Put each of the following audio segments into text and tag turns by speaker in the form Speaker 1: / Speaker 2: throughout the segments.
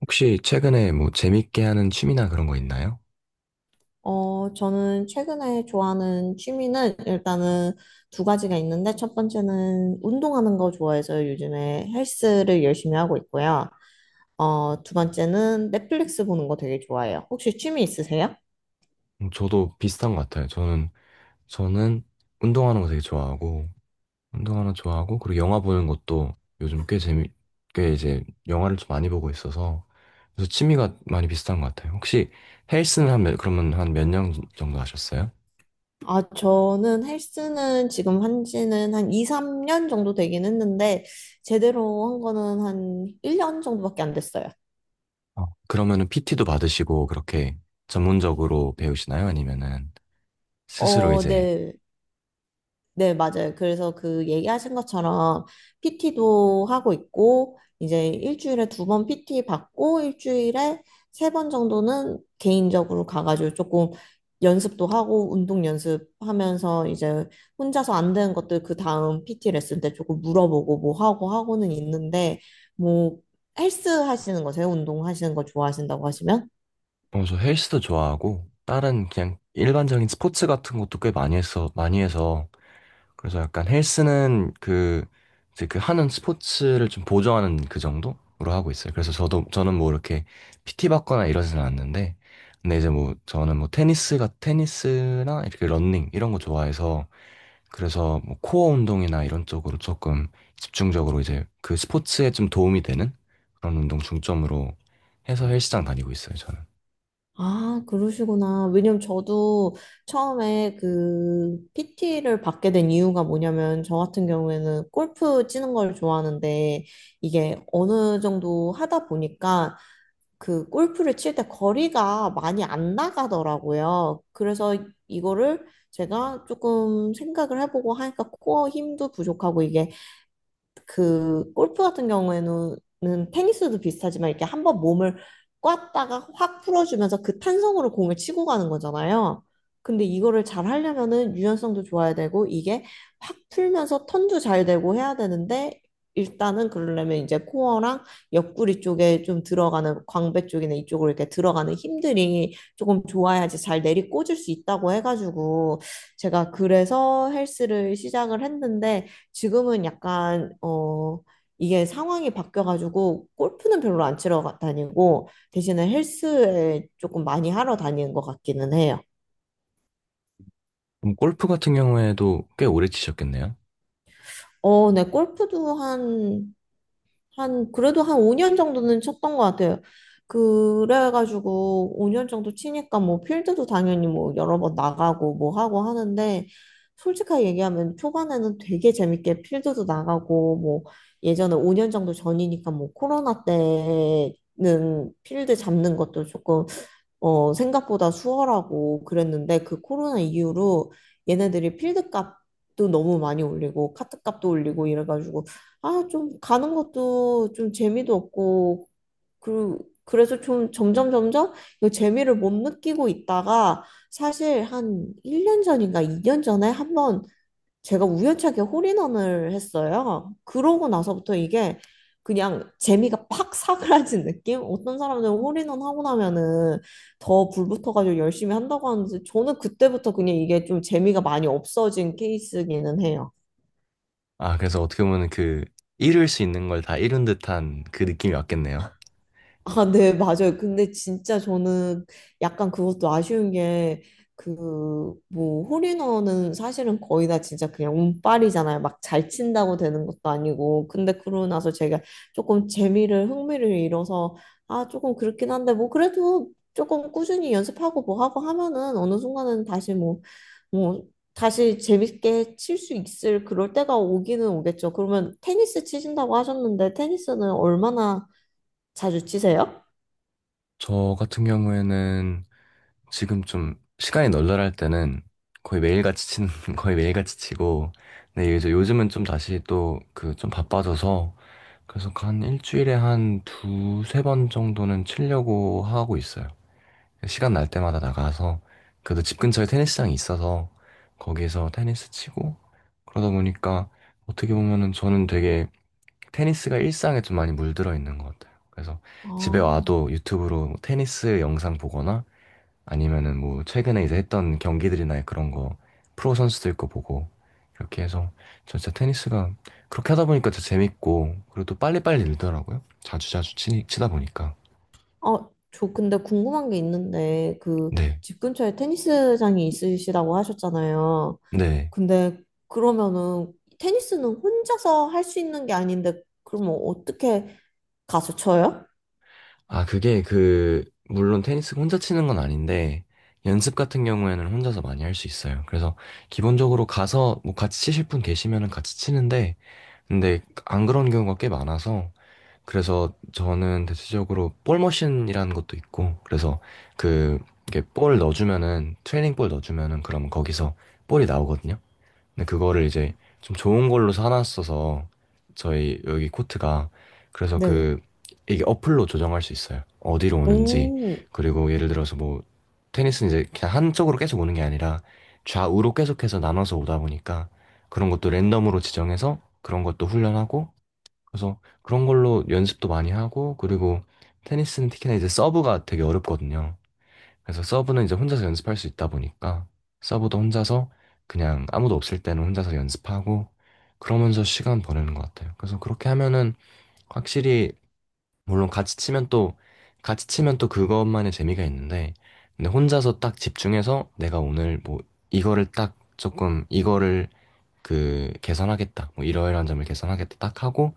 Speaker 1: 혹시 최근에 뭐 재밌게 하는 취미나 그런 거 있나요?
Speaker 2: 어, 저는 최근에 좋아하는 취미는 일단은 두 가지가 있는데, 첫 번째는 운동하는 거 좋아해서 요즘에 헬스를 열심히 하고 있고요. 어, 두 번째는 넷플릭스 보는 거 되게 좋아해요. 혹시 취미 있으세요?
Speaker 1: 저도 비슷한 것 같아요. 저는 운동하는 거 되게 좋아하고, 운동하는 거 좋아하고, 그리고 영화 보는 것도 요즘 꽤 재미, 꽤 이제 영화를 좀 많이 보고 있어서, 그래서 취미가 많이 비슷한 것 같아요. 혹시 그러면 한 몇 년 정도 하셨어요?
Speaker 2: 아, 저는 헬스는 지금 한 지는 한 2, 3년 정도 되긴 했는데, 제대로 한 거는 한 1년 정도밖에 안 됐어요.
Speaker 1: 어. 그러면은 PT도 받으시고, 그렇게 전문적으로 배우시나요? 아니면은 스스로
Speaker 2: 어,
Speaker 1: 이제,
Speaker 2: 네. 네, 맞아요. 그래서 그 얘기하신 것처럼 PT도 하고 있고, 이제 일주일에 두 번 PT 받고, 일주일에 세 번 정도는 개인적으로 가가지고 조금 연습도 하고, 운동 연습하면서 이제 혼자서 안 되는 것들 그 다음 PT 레슨 때 조금 물어보고 뭐 하고 하고는 있는데, 뭐, 헬스 하시는 거세요? 운동 하시는 거 좋아하신다고 하시면?
Speaker 1: 어, 저 헬스도 좋아하고 다른 그냥 일반적인 스포츠 같은 것도 꽤 많이 했어 많이 해서 그래서 약간 헬스는 그 이제 그 하는 스포츠를 좀 보조하는 그 정도로 하고 있어요. 그래서 저도 저는 뭐 이렇게 PT 받거나 이러진 않는데, 근데 이제 뭐 저는 뭐 테니스가 테니스나 이렇게 러닝 이런 거 좋아해서 그래서 뭐 코어 운동이나 이런 쪽으로 조금 집중적으로 이제 그 스포츠에 좀 도움이 되는 그런 운동 중점으로 해서 헬스장 다니고 있어요, 저는.
Speaker 2: 아, 그러시구나. 왜냐면 저도 처음에 그 PT를 받게 된 이유가 뭐냐면, 저 같은 경우에는 골프 치는 걸 좋아하는데, 이게 어느 정도 하다 보니까 그 골프를 칠 때 거리가 많이 안 나가더라고요. 그래서 이거를 제가 조금 생각을 해보고 하니까 코어 힘도 부족하고, 이게 그 골프 같은 경우에는 테니스도 비슷하지만, 이렇게 한번 몸을 꽉다가 확 풀어주면서 그 탄성으로 공을 치고 가는 거잖아요. 근데 이거를 잘 하려면은 유연성도 좋아야 되고, 이게 확 풀면서 턴도 잘 되고 해야 되는데, 일단은 그러려면 이제 코어랑 옆구리 쪽에 좀 들어가는 광배 쪽이나 이쪽으로 이렇게 들어가는 힘들이 조금 좋아야지 잘 내리 꽂을 수 있다고 해가지고 제가 그래서 헬스를 시작을 했는데, 지금은 약간 어 이게 상황이 바뀌어가지고 골프는 별로 안 치러 다니고 대신에 헬스에 조금 많이 하러 다니는 것 같기는 해요.
Speaker 1: 그럼 골프 같은 경우에도 꽤 오래 치셨겠네요.
Speaker 2: 어, 네, 골프도 한 그래도 한 5년 정도는 쳤던 것 같아요. 그래가지고 5년 정도 치니까 뭐 필드도 당연히 뭐 여러 번 나가고 뭐 하고 하는데, 솔직하게 얘기하면 초반에는 되게 재밌게 필드도 나가고 뭐, 예전에 5년 정도 전이니까 뭐 코로나 때는 필드 잡는 것도 조금 어, 생각보다 수월하고 그랬는데, 그 코로나 이후로 얘네들이 필드 값도 너무 많이 올리고 카트 값도 올리고 이래가지고, 아, 좀 가는 것도 좀 재미도 없고, 그 그래서 좀 점점 점점 이 재미를 못 느끼고 있다가, 사실 한 1년 전인가 2년 전에 한번 제가 우연찮게 홀인원을 했어요. 그러고 나서부터 이게 그냥 재미가 팍 사그라진 느낌? 어떤 사람들은 홀인원 하고 나면은 더 불붙어가지고 열심히 한다고 하는데, 저는 그때부터 그냥 이게 좀 재미가 많이 없어진 케이스기는 해요.
Speaker 1: 아, 그래서 어떻게 보면 그 이룰 수 있는 걸 다 이룬 듯한 그 느낌이 왔겠네요.
Speaker 2: 아, 네, 맞아요. 근데 진짜 저는 약간 그것도 아쉬운 게, 그, 뭐, 홀인원은 사실은 거의 다 진짜 그냥 운빨이잖아요. 막 잘 친다고 되는 것도 아니고. 근데 그러고 나서 제가 조금 재미를, 흥미를 잃어서, 아, 조금 그렇긴 한데, 뭐, 그래도 조금 꾸준히 연습하고 뭐 하고 하면은 어느 순간은 다시 뭐, 다시 재밌게 칠 수 있을 그럴 때가 오기는 오겠죠. 그러면 테니스 치신다고 하셨는데, 테니스는 얼마나 자주 치세요?
Speaker 1: 저 같은 경우에는 지금 좀 시간이 널널할 때는 거의 매일같이 치는, 거의 매일같이 치고, 근데 이제 요즘은 좀 다시 또 그 좀 바빠져서 그래서 한 일주일에 한 두세 번 정도는 치려고 하고 있어요. 시간 날 때마다 나가서 그래도 집 근처에 테니스장이 있어서 거기에서 테니스 치고, 그러다 보니까 어떻게 보면은 저는 되게 테니스가 일상에 좀 많이 물들어 있는 것 같아요. 그래서 집에
Speaker 2: 아,
Speaker 1: 와도 유튜브로 테니스 영상 보거나 아니면은 뭐 최근에 이제 했던 경기들이나 그런 거 프로 선수들 거 보고 이렇게 해서, 저 진짜 테니스가 그렇게 하다 보니까 진짜 재밌고, 그리고 또 빨리빨리 늘더라고요. 자주자주 치다 보니까.
Speaker 2: 아, 저 근데 궁금한 게 있는데, 그
Speaker 1: 네.
Speaker 2: 집 근처에 테니스장이 있으시다고 하셨잖아요.
Speaker 1: 네.
Speaker 2: 근데 그러면은 테니스는 혼자서 할 수 있는 게 아닌데, 그러면 어떻게 가서 쳐요?
Speaker 1: 아, 그게 그 물론 테니스 혼자 치는 건 아닌데 연습 같은 경우에는 혼자서 많이 할 수 있어요. 그래서 기본적으로 가서 뭐 같이 치실 분 계시면은 같이 치는데, 근데 안 그런 경우가 꽤 많아서 그래서 저는 대체적으로 볼 머신이라는 것도 있고 그래서 그 이게 볼 넣어주면은 트레이닝 볼 넣어주면은 그럼 거기서 볼이 나오거든요. 근데 그거를 이제 좀 좋은 걸로 사놨어서 저희 여기 코트가, 그래서
Speaker 2: 네네.
Speaker 1: 그 이게 어플로 조정할 수 있어요. 어디로 오는지.
Speaker 2: 오,
Speaker 1: 그리고 예를 들어서 뭐 테니스는 이제 그냥 한쪽으로 계속 오는 게 아니라 좌우로 계속해서 나눠서 오다 보니까 그런 것도 랜덤으로 지정해서 그런 것도 훈련하고, 그래서 그런 걸로 연습도 많이 하고, 그리고 테니스는 특히나 이제 서브가 되게 어렵거든요. 그래서 서브는 이제 혼자서 연습할 수 있다 보니까 서브도 혼자서 그냥 아무도 없을 때는 혼자서 연습하고 그러면서 시간 보내는 것 같아요. 그래서 그렇게 하면은 확실히 물론 같이 치면 또 같이 치면 또 그것만의 재미가 있는데, 근데 혼자서 딱 집중해서 내가 오늘 뭐 이거를 딱 조금 이거를 그 개선하겠다, 뭐 이러이러한 점을 개선하겠다 딱 하고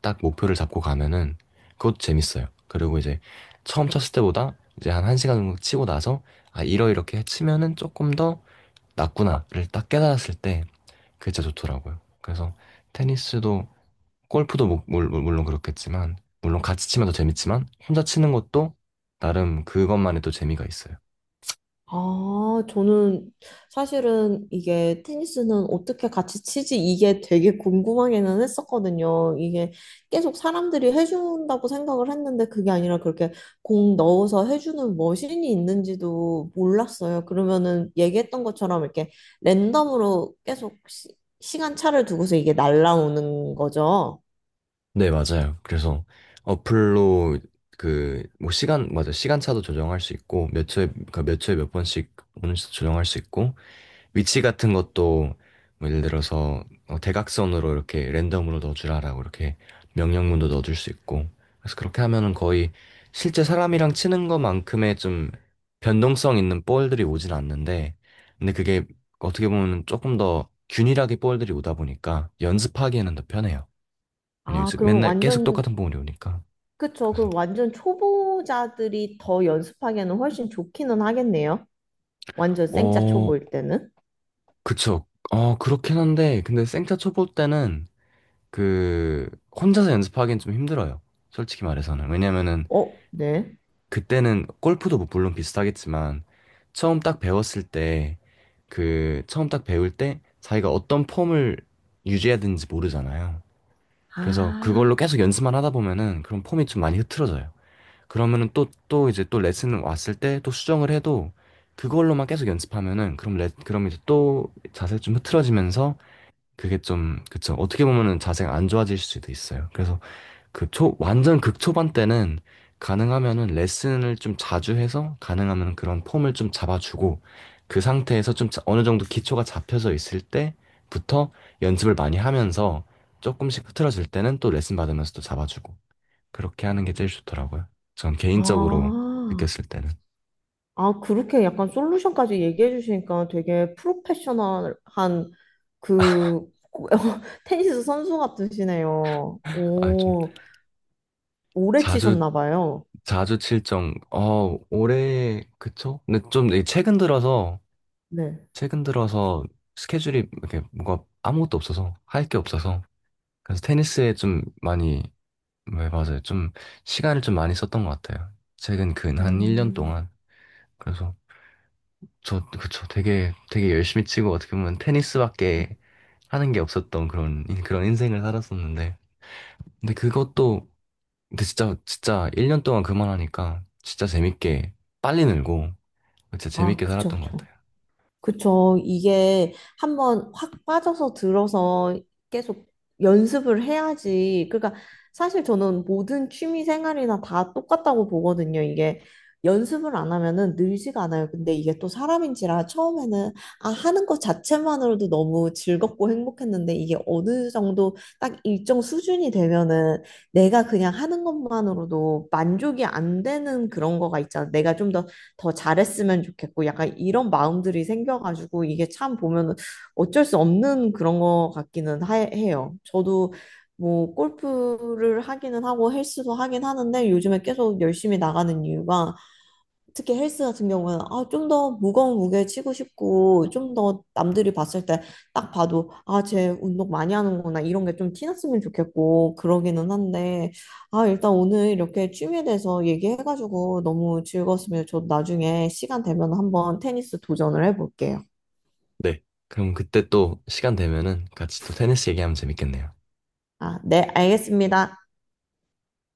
Speaker 1: 딱 목표를 잡고 가면은 그것도 재밌어요. 그리고 이제 처음 쳤을 때보다 이제 한 1시간 정도 치고 나서 아, 이러이렇게 치면은 조금 더 낫구나를 딱 깨달았을 때 그게 진짜 좋더라고요. 그래서 테니스도 골프도 물론 그렇겠지만, 물론 같이 치면 더 재밌지만 혼자 치는 것도 나름 그것만의 또 재미가 있어요.
Speaker 2: 아, 저는 사실은 이게 테니스는 어떻게 같이 치지? 이게 되게 궁금하기는 했었거든요. 이게 계속 사람들이 해준다고 생각을 했는데, 그게 아니라 그렇게 공 넣어서 해주는 머신이 있는지도 몰랐어요. 그러면은 얘기했던 것처럼 이렇게 랜덤으로 계속 시간 차를 두고서 이게 날라오는 거죠.
Speaker 1: 네, 맞아요. 그래서 어플로 그 뭐 시간차도 조정할 수 있고, 몇 초에 그러니까 몇 초에 몇 번씩 오는지도 조정할 수 있고, 위치 같은 것도 뭐 예를 들어서, 어, 대각선으로 이렇게 랜덤으로 넣어주라라고 이렇게 명령문도 넣어줄 수 있고, 그래서 그렇게 하면은 거의 실제 사람이랑 치는 것만큼의 좀 변동성 있는 볼들이 오진 않는데, 근데 그게 어떻게 보면 조금 더 균일하게 볼들이 오다 보니까 연습하기에는 더 편해요. 왜냐면
Speaker 2: 아,
Speaker 1: 이제
Speaker 2: 그러면
Speaker 1: 맨날 계속
Speaker 2: 완전,
Speaker 1: 똑같은 볼이 오니까.
Speaker 2: 그쵸. 그럼
Speaker 1: 그래서
Speaker 2: 완전 초보자들이 더 연습하기에는 훨씬 좋기는 하겠네요. 완전 생짜
Speaker 1: 어
Speaker 2: 초보일 때는?
Speaker 1: 그쵸. 그렇긴 한데 근데 생타 쳐볼 때는 그 혼자서 연습하기엔 좀 힘들어요. 솔직히 말해서는. 왜냐면은
Speaker 2: 어, 네.
Speaker 1: 그때는 골프도 뭐 물론 비슷하겠지만, 처음 딱 배웠을 때 그 처음 딱 배울 때 자기가 어떤 폼을 유지해야 되는지 모르잖아요. 그래서
Speaker 2: 아,
Speaker 1: 그걸로 계속 연습만 하다 보면은 그런 폼이 좀 많이 흐트러져요. 그러면은 또 또 이제 또 레슨 왔을 때 또 수정을 해도 그걸로만 계속 연습하면은 그럼 레 그럼 이제 또 자세 좀 흐트러지면서 그게 좀, 그쵸, 어떻게 보면은 자세가 안 좋아질 수도 있어요. 그래서 완전 극초반 때는 가능하면은 레슨을 좀 자주 해서 가능하면 그런 폼을 좀 잡아주고, 그 상태에서 어느 정도 기초가 잡혀져 있을 때부터 연습을 많이 하면서 조금씩 흐트러질 때는 또 레슨 받으면서 또 잡아주고, 그렇게 하는 게 제일 좋더라고요. 전 개인적으로
Speaker 2: 아,
Speaker 1: 느꼈을 때는.
Speaker 2: 아, 그렇게 약간 솔루션까지 얘기해 주시니까 되게 프로페셔널한 그 테니스 선수 같으시네요.
Speaker 1: 아, 좀
Speaker 2: 오, 오래
Speaker 1: 자주,
Speaker 2: 치셨나 봐요.
Speaker 1: 어, 올해, 그쵸? 근데 좀 이게
Speaker 2: 네.
Speaker 1: 최근 들어서 스케줄이 이렇게 뭐가 아무것도 없어서 할 게 없어서 그래서 테니스에 좀 많이, 네, 맞아요. 좀 시간을 좀 많이 썼던 것 같아요. 최근 근 한 1년
Speaker 2: 음,
Speaker 1: 동안. 그래서 저, 그쵸. 되게, 되게 열심히 치고 어떻게 보면 테니스밖에 하는 게 없었던 그런, 그런 인생을 살았었는데. 근데 그것도, 근데 진짜, 진짜 1년 동안 그만하니까 진짜 재밌게 빨리 늘고 진짜
Speaker 2: 아,
Speaker 1: 재밌게
Speaker 2: 그쵸,
Speaker 1: 살았던 것
Speaker 2: 그쵸.
Speaker 1: 같아요.
Speaker 2: 그쵸. 이게 한번 확 빠져서 들어서 계속 연습을 해야지. 그러니까 사실 저는 모든 취미 생활이나 다 똑같다고 보거든요. 이게 연습을 안 하면은 늘지가 않아요. 근데 이게 또 사람인지라 처음에는 아, 하는 것 자체만으로도 너무 즐겁고 행복했는데, 이게 어느 정도 딱 일정 수준이 되면은 내가 그냥 하는 것만으로도 만족이 안 되는 그런 거가 있잖아. 내가 좀더 더 잘했으면 좋겠고 약간 이런 마음들이 생겨가지고 이게 참 보면 어쩔 수 없는 그런 것 같기는 해요. 저도 뭐 골프를 하기는 하고 헬스도 하긴 하는데, 요즘에 계속 열심히 나가는 이유가 특히 헬스 같은 경우는 아, 좀 더 무거운 무게 치고 싶고, 좀 더 남들이 봤을 때 딱 봐도 아, 쟤 운동 많이 하는구나 이런 게 좀 티났으면 좋겠고 그러기는 한데, 아, 일단 오늘 이렇게 취미에 대해서 얘기해가지고 너무 즐거웠으면 저 나중에 시간 되면 한번 테니스 도전을 해볼게요.
Speaker 1: 네. 그럼 그때 또 시간 되면은 같이 또 테니스 얘기하면 재밌겠네요.
Speaker 2: 아, 네, 알겠습니다.